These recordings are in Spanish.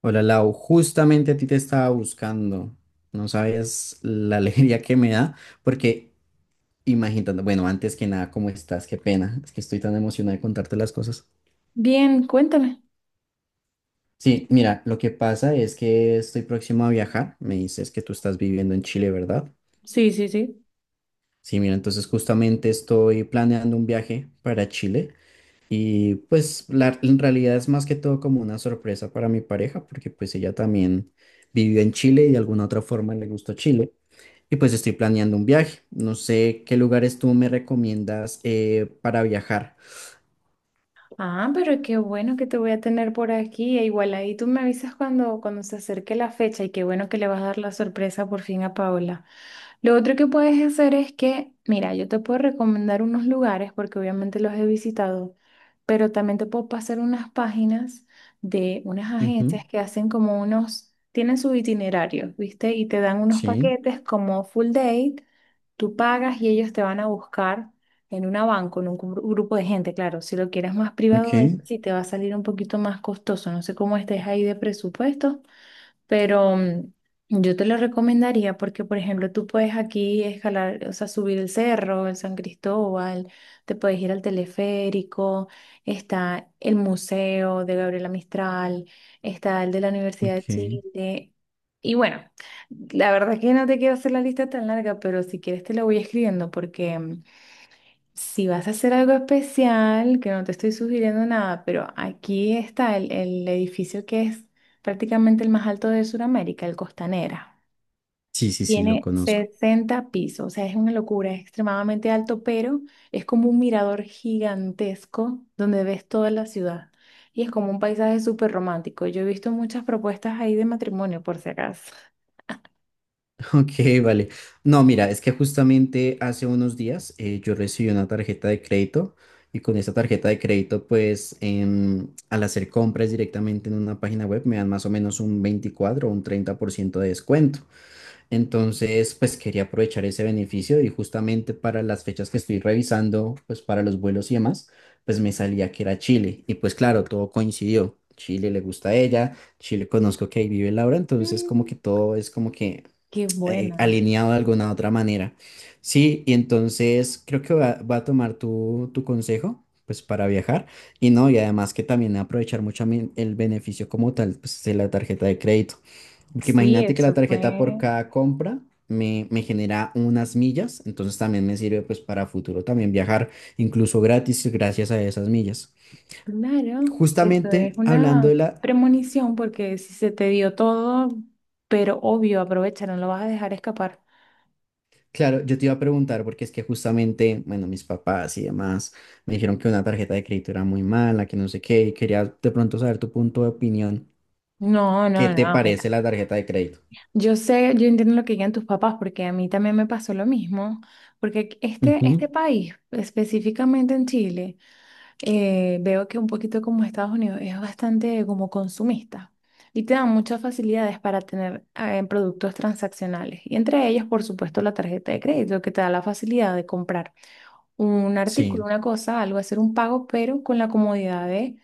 Hola Lau, justamente a ti te estaba buscando. No sabías la alegría que me da, porque imaginando, bueno, antes que nada, ¿cómo estás? Qué pena, es que estoy tan emocionada de contarte las cosas. Bien, cuéntame. Sí, mira, lo que pasa es que estoy próximo a viajar. Me dices que tú estás viviendo en Chile, ¿verdad? Sí, sí, sí. Sí, mira, entonces justamente estoy planeando un viaje para Chile y pues la, en realidad es más que todo como una sorpresa para mi pareja, porque pues ella también vivió en Chile y de alguna otra forma le gustó Chile. Y pues estoy planeando un viaje. No sé qué lugares tú me recomiendas para viajar. Ah, pero qué bueno que te voy a tener por aquí. Igual ahí tú me avisas cuando se acerque la fecha y qué bueno que le vas a dar la sorpresa por fin a Paola. Lo otro que puedes hacer es que, mira, yo te puedo recomendar unos lugares porque obviamente los he visitado, pero también te puedo pasar unas páginas de unas agencias Ujú. que hacen como unos, tienen su itinerario, ¿viste? Y te dan unos Sí, paquetes como full date, tú pagas y ellos te van a buscar. En una van con un grupo de gente, claro. Si lo quieres más ok, privado, sí te va a salir un poquito más costoso. No sé cómo estés ahí de presupuesto, pero yo te lo recomendaría porque, por ejemplo, tú puedes aquí escalar, o sea, subir el cerro, el San Cristóbal, te puedes ir al teleférico, está el museo de Gabriela Mistral, está el de la Universidad de ok. Chile. Y bueno, la verdad es que no te quiero hacer la lista tan larga, pero si quieres te la voy escribiendo porque si vas a hacer algo especial, que no te estoy sugiriendo nada, pero aquí está el edificio que es prácticamente el más alto de Sudamérica, el Costanera. Sí, sí, sí, lo Tiene conozco. 60 pisos, o sea, es una locura, es extremadamente alto, pero es como un mirador gigantesco donde ves toda la ciudad. Y es como un paisaje súper romántico. Yo he visto muchas propuestas ahí de matrimonio, por si acaso. Ok, vale. No, mira, es que justamente hace unos días yo recibí una tarjeta de crédito y con esa tarjeta de crédito, pues al hacer compras directamente en una página web me dan más o menos un 24 o un 30% de descuento. Entonces, pues quería aprovechar ese beneficio y justamente para las fechas que estoy revisando, pues para los vuelos y demás, pues me salía que era Chile. Y pues claro, todo coincidió. Chile le gusta a ella, Chile conozco que ahí vive Laura, entonces como Mm. que todo es como que Qué buena. alineado de alguna otra manera. Sí, y entonces creo que va a tomar tu consejo, pues para viajar y no, y además que también aprovechar mucho mi- el beneficio como tal, pues de la tarjeta de crédito. Porque Sí, imagínate que la eso tarjeta por fue. cada compra me genera unas millas, entonces también me sirve pues para futuro también viajar incluso gratis gracias a esas millas. Claro, eso Justamente es hablando de una la premonición porque si se te dio todo, pero obvio, aprovecha, no lo vas a dejar escapar. Claro, yo te iba a preguntar porque es que justamente, bueno, mis papás y demás me dijeron que una tarjeta de crédito era muy mala, que no sé qué, y quería de pronto saber tu punto de opinión. No, ¿Qué no, te no, mira, parece la tarjeta de crédito? yo sé, yo entiendo lo que digan tus papás porque a mí también me pasó lo mismo, porque este, Ujú. este país, específicamente en Chile, veo que un poquito como Estados Unidos es bastante como consumista y te dan muchas facilidades para tener productos transaccionales y entre ellos, por supuesto, la tarjeta de crédito que te da la facilidad de comprar un artículo, Sí, una cosa, algo, hacer un pago, pero con la comodidad de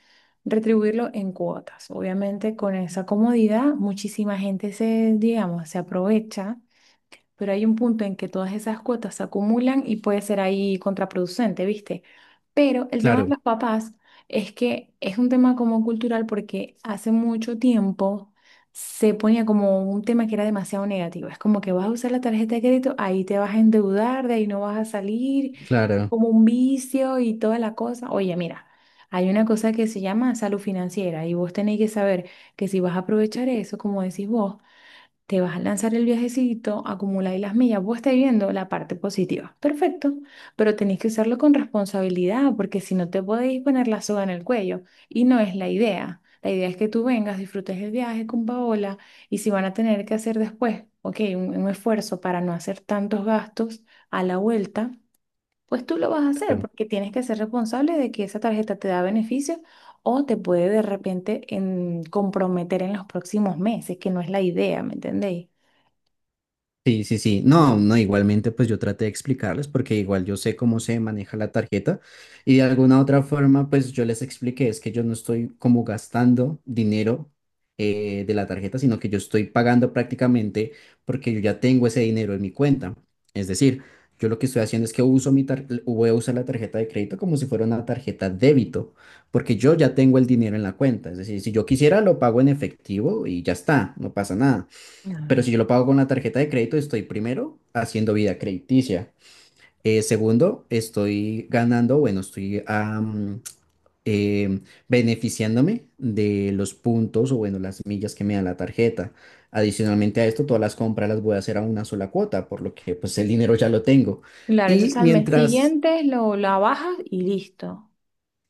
retribuirlo en cuotas. Obviamente con esa comodidad muchísima gente se, digamos, se aprovecha, pero hay un punto en que todas esas cuotas se acumulan y puede ser ahí contraproducente, ¿viste? Pero el tema de claro, los papás es que es un tema como cultural porque hace mucho tiempo se ponía como un tema que era demasiado negativo. Es como que vas a usar la tarjeta de crédito, ahí te vas a endeudar, de ahí no vas a salir, es claro. como un vicio y toda la cosa. Oye, mira. Hay una cosa que se llama salud financiera y vos tenés que saber que si vas a aprovechar eso, como decís vos, te vas a lanzar el viajecito, acumula acumuláis las millas, vos estáis viendo la parte positiva. Perfecto, pero tenéis que usarlo con responsabilidad porque si no te podéis poner la soga en el cuello y no es la idea. La idea es que tú vengas, disfrutes el viaje con Paola y si van a tener que hacer después, ok, un esfuerzo para no hacer tantos gastos a la vuelta, pues tú lo vas a hacer porque tienes que ser responsable de que esa tarjeta te da beneficios o te puede de repente comprometer en los próximos meses, que no es la idea, ¿me entendéis? Sí, sí, sí. No, no, igualmente pues yo traté de explicarles porque igual yo sé cómo se maneja la tarjeta y de alguna otra forma pues yo les expliqué es que yo no estoy como gastando dinero de la tarjeta, sino que yo estoy pagando prácticamente porque yo ya tengo ese dinero en mi cuenta. Es decir, yo lo que estoy haciendo es que uso mi tar- voy a usar la tarjeta de crédito como si fuera una tarjeta débito porque yo ya tengo el dinero en la cuenta. Es decir, si yo quisiera lo pago en efectivo y ya está, no pasa nada pero Claro. si yo lo pago con la tarjeta de crédito, estoy primero haciendo vida crediticia. Segundo, estoy ganando, bueno, em, beneficiándome de los puntos o, bueno, las millas que me da la tarjeta. Adicionalmente a esto, todas las compras las voy a hacer a una sola cuota, por lo que pues el dinero ya lo tengo. Claro, entonces Y al mes mientras siguiente lo, la bajas y listo.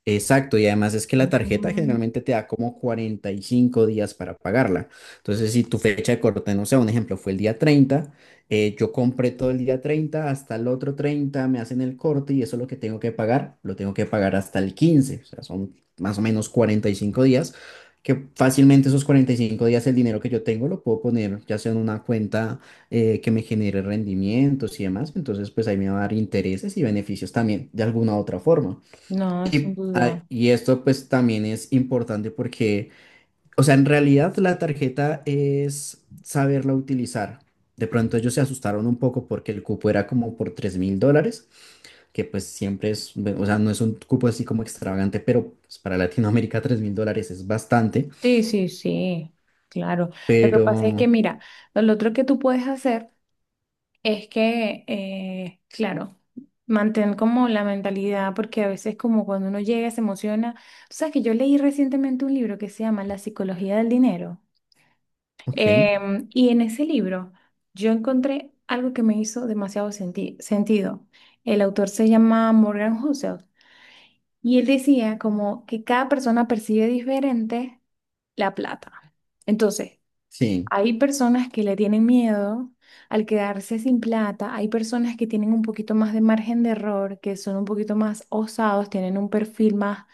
Exacto, y además es que la tarjeta Mm. generalmente te da como 45 días para pagarla. Entonces, si tu fecha de corte, no sé, un ejemplo, fue el día 30 yo compré todo el día 30 hasta el otro 30 me hacen el corte y eso es lo que tengo que pagar, lo tengo que pagar hasta el 15 o sea, son más o menos 45 días, que fácilmente esos 45 días el dinero que yo tengo lo puedo poner ya sea en una cuenta que me genere rendimientos y demás, entonces pues ahí me va a dar intereses y beneficios también de alguna otra forma. No, sin Y, duda. ah, y esto pues también es importante porque, o sea, en realidad la tarjeta es saberla utilizar. De pronto ellos se asustaron un poco porque el cupo era como por $3000, que pues siempre es, o sea, no es un cupo así como extravagante, pero pues, para Latinoamérica $3000 es bastante. Sí, sí, sí, claro. Lo que Pero, pasa es que, mira, lo otro que tú puedes hacer es que, claro, mantén como la mentalidad, porque a veces como cuando uno llega se emociona. Tú sabes que yo leí recientemente un libro que se llama La psicología del dinero. ok, Y en ese libro yo encontré algo que me hizo demasiado sentido. El autor se llama Morgan Housel y él decía como que cada persona percibe diferente la plata. Entonces, sí, hay personas que le tienen miedo al quedarse sin plata, hay personas que tienen un poquito más de margen de error, que son un poquito más osados, tienen un perfil más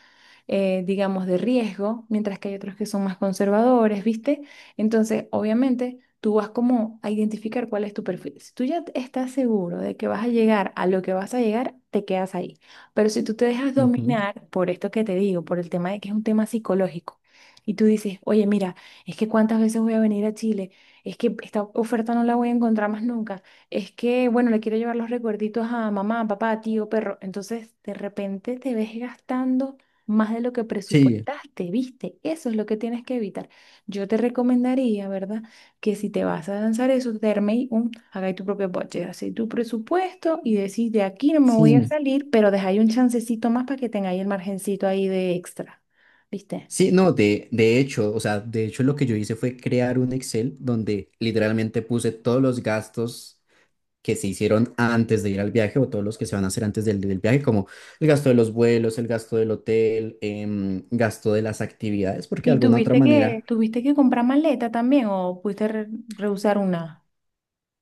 digamos, de riesgo, mientras que hay otros que son más conservadores, ¿viste? Entonces, obviamente, tú vas como a identificar cuál es tu perfil. Si tú ya estás seguro de que vas a llegar a lo que vas a llegar, te quedas ahí. Pero si tú te dejas ujú, dominar por esto que te digo, por el tema de que es un tema psicológico, y tú dices, oye, mira, es que cuántas veces voy a venir a Chile, es que esta oferta no la voy a encontrar más nunca, es que, bueno, le quiero llevar los recuerditos a mamá, papá, tío, perro, entonces de repente te ves gastando más de lo que sí, presupuestaste, ¿viste? Eso es lo que tienes que evitar. Yo te recomendaría, ¿verdad? Que si te vas a lanzar eso, te arméis un, hagáis tu propio budget, hacéis tu presupuesto y decís, de aquí no me voy a sí. salir, pero dejáis un chancecito más para que tengáis el margencito ahí de extra, ¿viste? Sí, no, de hecho, o sea, de hecho lo que yo hice fue crear un Excel donde literalmente puse todos los gastos que se hicieron antes de ir al viaje o todos los que se van a hacer antes del viaje, como el gasto de los vuelos, el gasto del hotel, gasto de las actividades, porque de ¿Y alguna otra manera... tuviste que comprar maleta también o pudiste rehusar una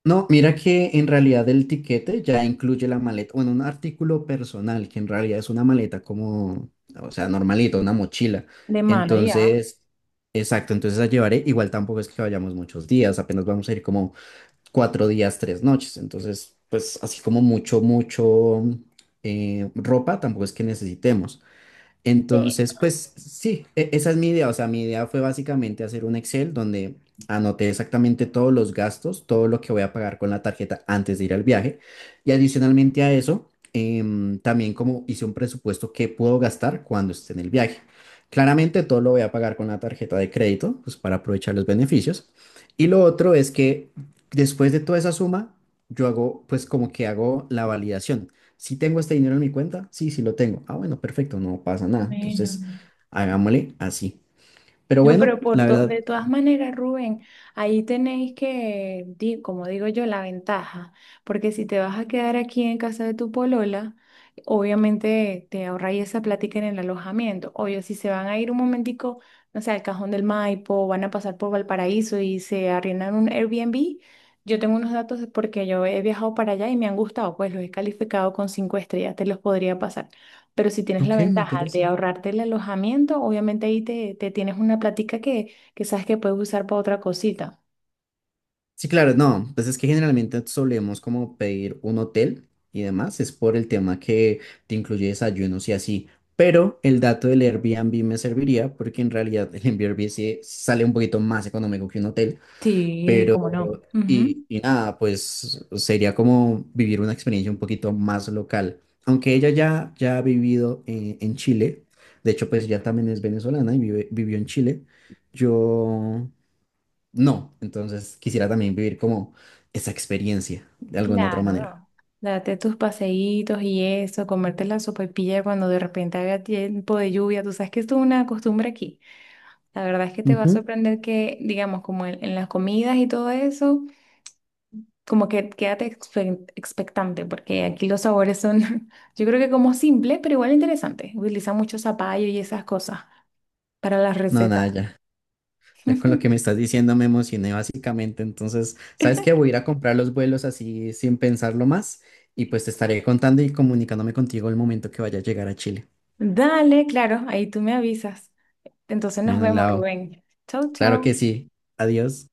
No, mira que en realidad el tiquete ya incluye la maleta, bueno, un artículo personal, que en realidad es una maleta como, o sea, normalito, una mochila. de mano ya? Entonces, exacto, entonces la llevaré. Igual tampoco es que vayamos muchos días, apenas vamos a ir como 4 días, 3 noches. Entonces, pues así como mucho, mucho ropa, tampoco es que necesitemos. Sí. Entonces, pues sí, e- esa es mi idea. O sea, mi idea fue básicamente hacer un Excel donde anoté exactamente todos los gastos, todo lo que voy a pagar con la tarjeta antes de ir al viaje. Y adicionalmente a eso, también como hice un presupuesto que puedo gastar cuando esté en el viaje. Claramente todo lo voy a pagar con la tarjeta de crédito, pues para aprovechar los beneficios. Y lo otro es que después de toda esa suma, yo hago, pues como que hago la validación. Si tengo este dinero en mi cuenta, sí, sí lo tengo. Ah, bueno, perfecto, no pasa nada. Bueno. Entonces, hagámosle así. Pero No, bueno, pero por la verdad, de todas maneras, Rubén, ahí tenéis que, como digo yo, la ventaja, porque si te vas a quedar aquí en casa de tu polola, obviamente te ahorráis esa plática en el alojamiento. Obvio, si se van a ir un momentico, no sé, al Cajón del Maipo, van a pasar por Valparaíso y se arriendan un Airbnb, yo tengo unos datos porque yo he viajado para allá y me han gustado, pues los he calificado con cinco estrellas, te los podría pasar. Pero si tienes la ok, me ventaja interesa. de ahorrarte el alojamiento, obviamente ahí te tienes una platica que sabes que puedes usar para otra cosita. Sí, claro, no, pues es que generalmente solemos como pedir un hotel y demás, es por el tema que te incluye desayunos y así. Pero el dato del Airbnb me serviría porque en realidad el Airbnb sí sale un poquito más económico que un hotel. Sí, cómo no. Ujú. Y nada, pues sería como vivir una experiencia un poquito más local. Aunque ella ya ha vivido en Chile, de hecho pues ya también es venezolana y vive- vivió en Chile, yo no, entonces quisiera también vivir como esa experiencia de alguna otra manera. Claro. Date tus paseitos y eso, comerte la sopaipilla cuando de repente haga tiempo de lluvia. Tú sabes que esto es una costumbre aquí. La verdad es que te va a Ujú. sorprender que, digamos, como en las comidas y todo eso. Como que quédate expectante, porque aquí los sabores son, yo creo que como simple, pero igual interesante. Utilizan mucho zapallo y esas cosas para las No, nada, recetas. ya, ya con lo que me estás diciendo me emocioné básicamente, entonces, ¿sabes qué? Voy a ir a comprar los vuelos así sin pensarlo más y pues te estaré contando y comunicándome contigo el momento que vaya a llegar a Chile. Dale, claro, ahí tú me avisas. Entonces nos Bueno, vemos, Lau, Rubén. Chau, claro que chau. sí. Adiós.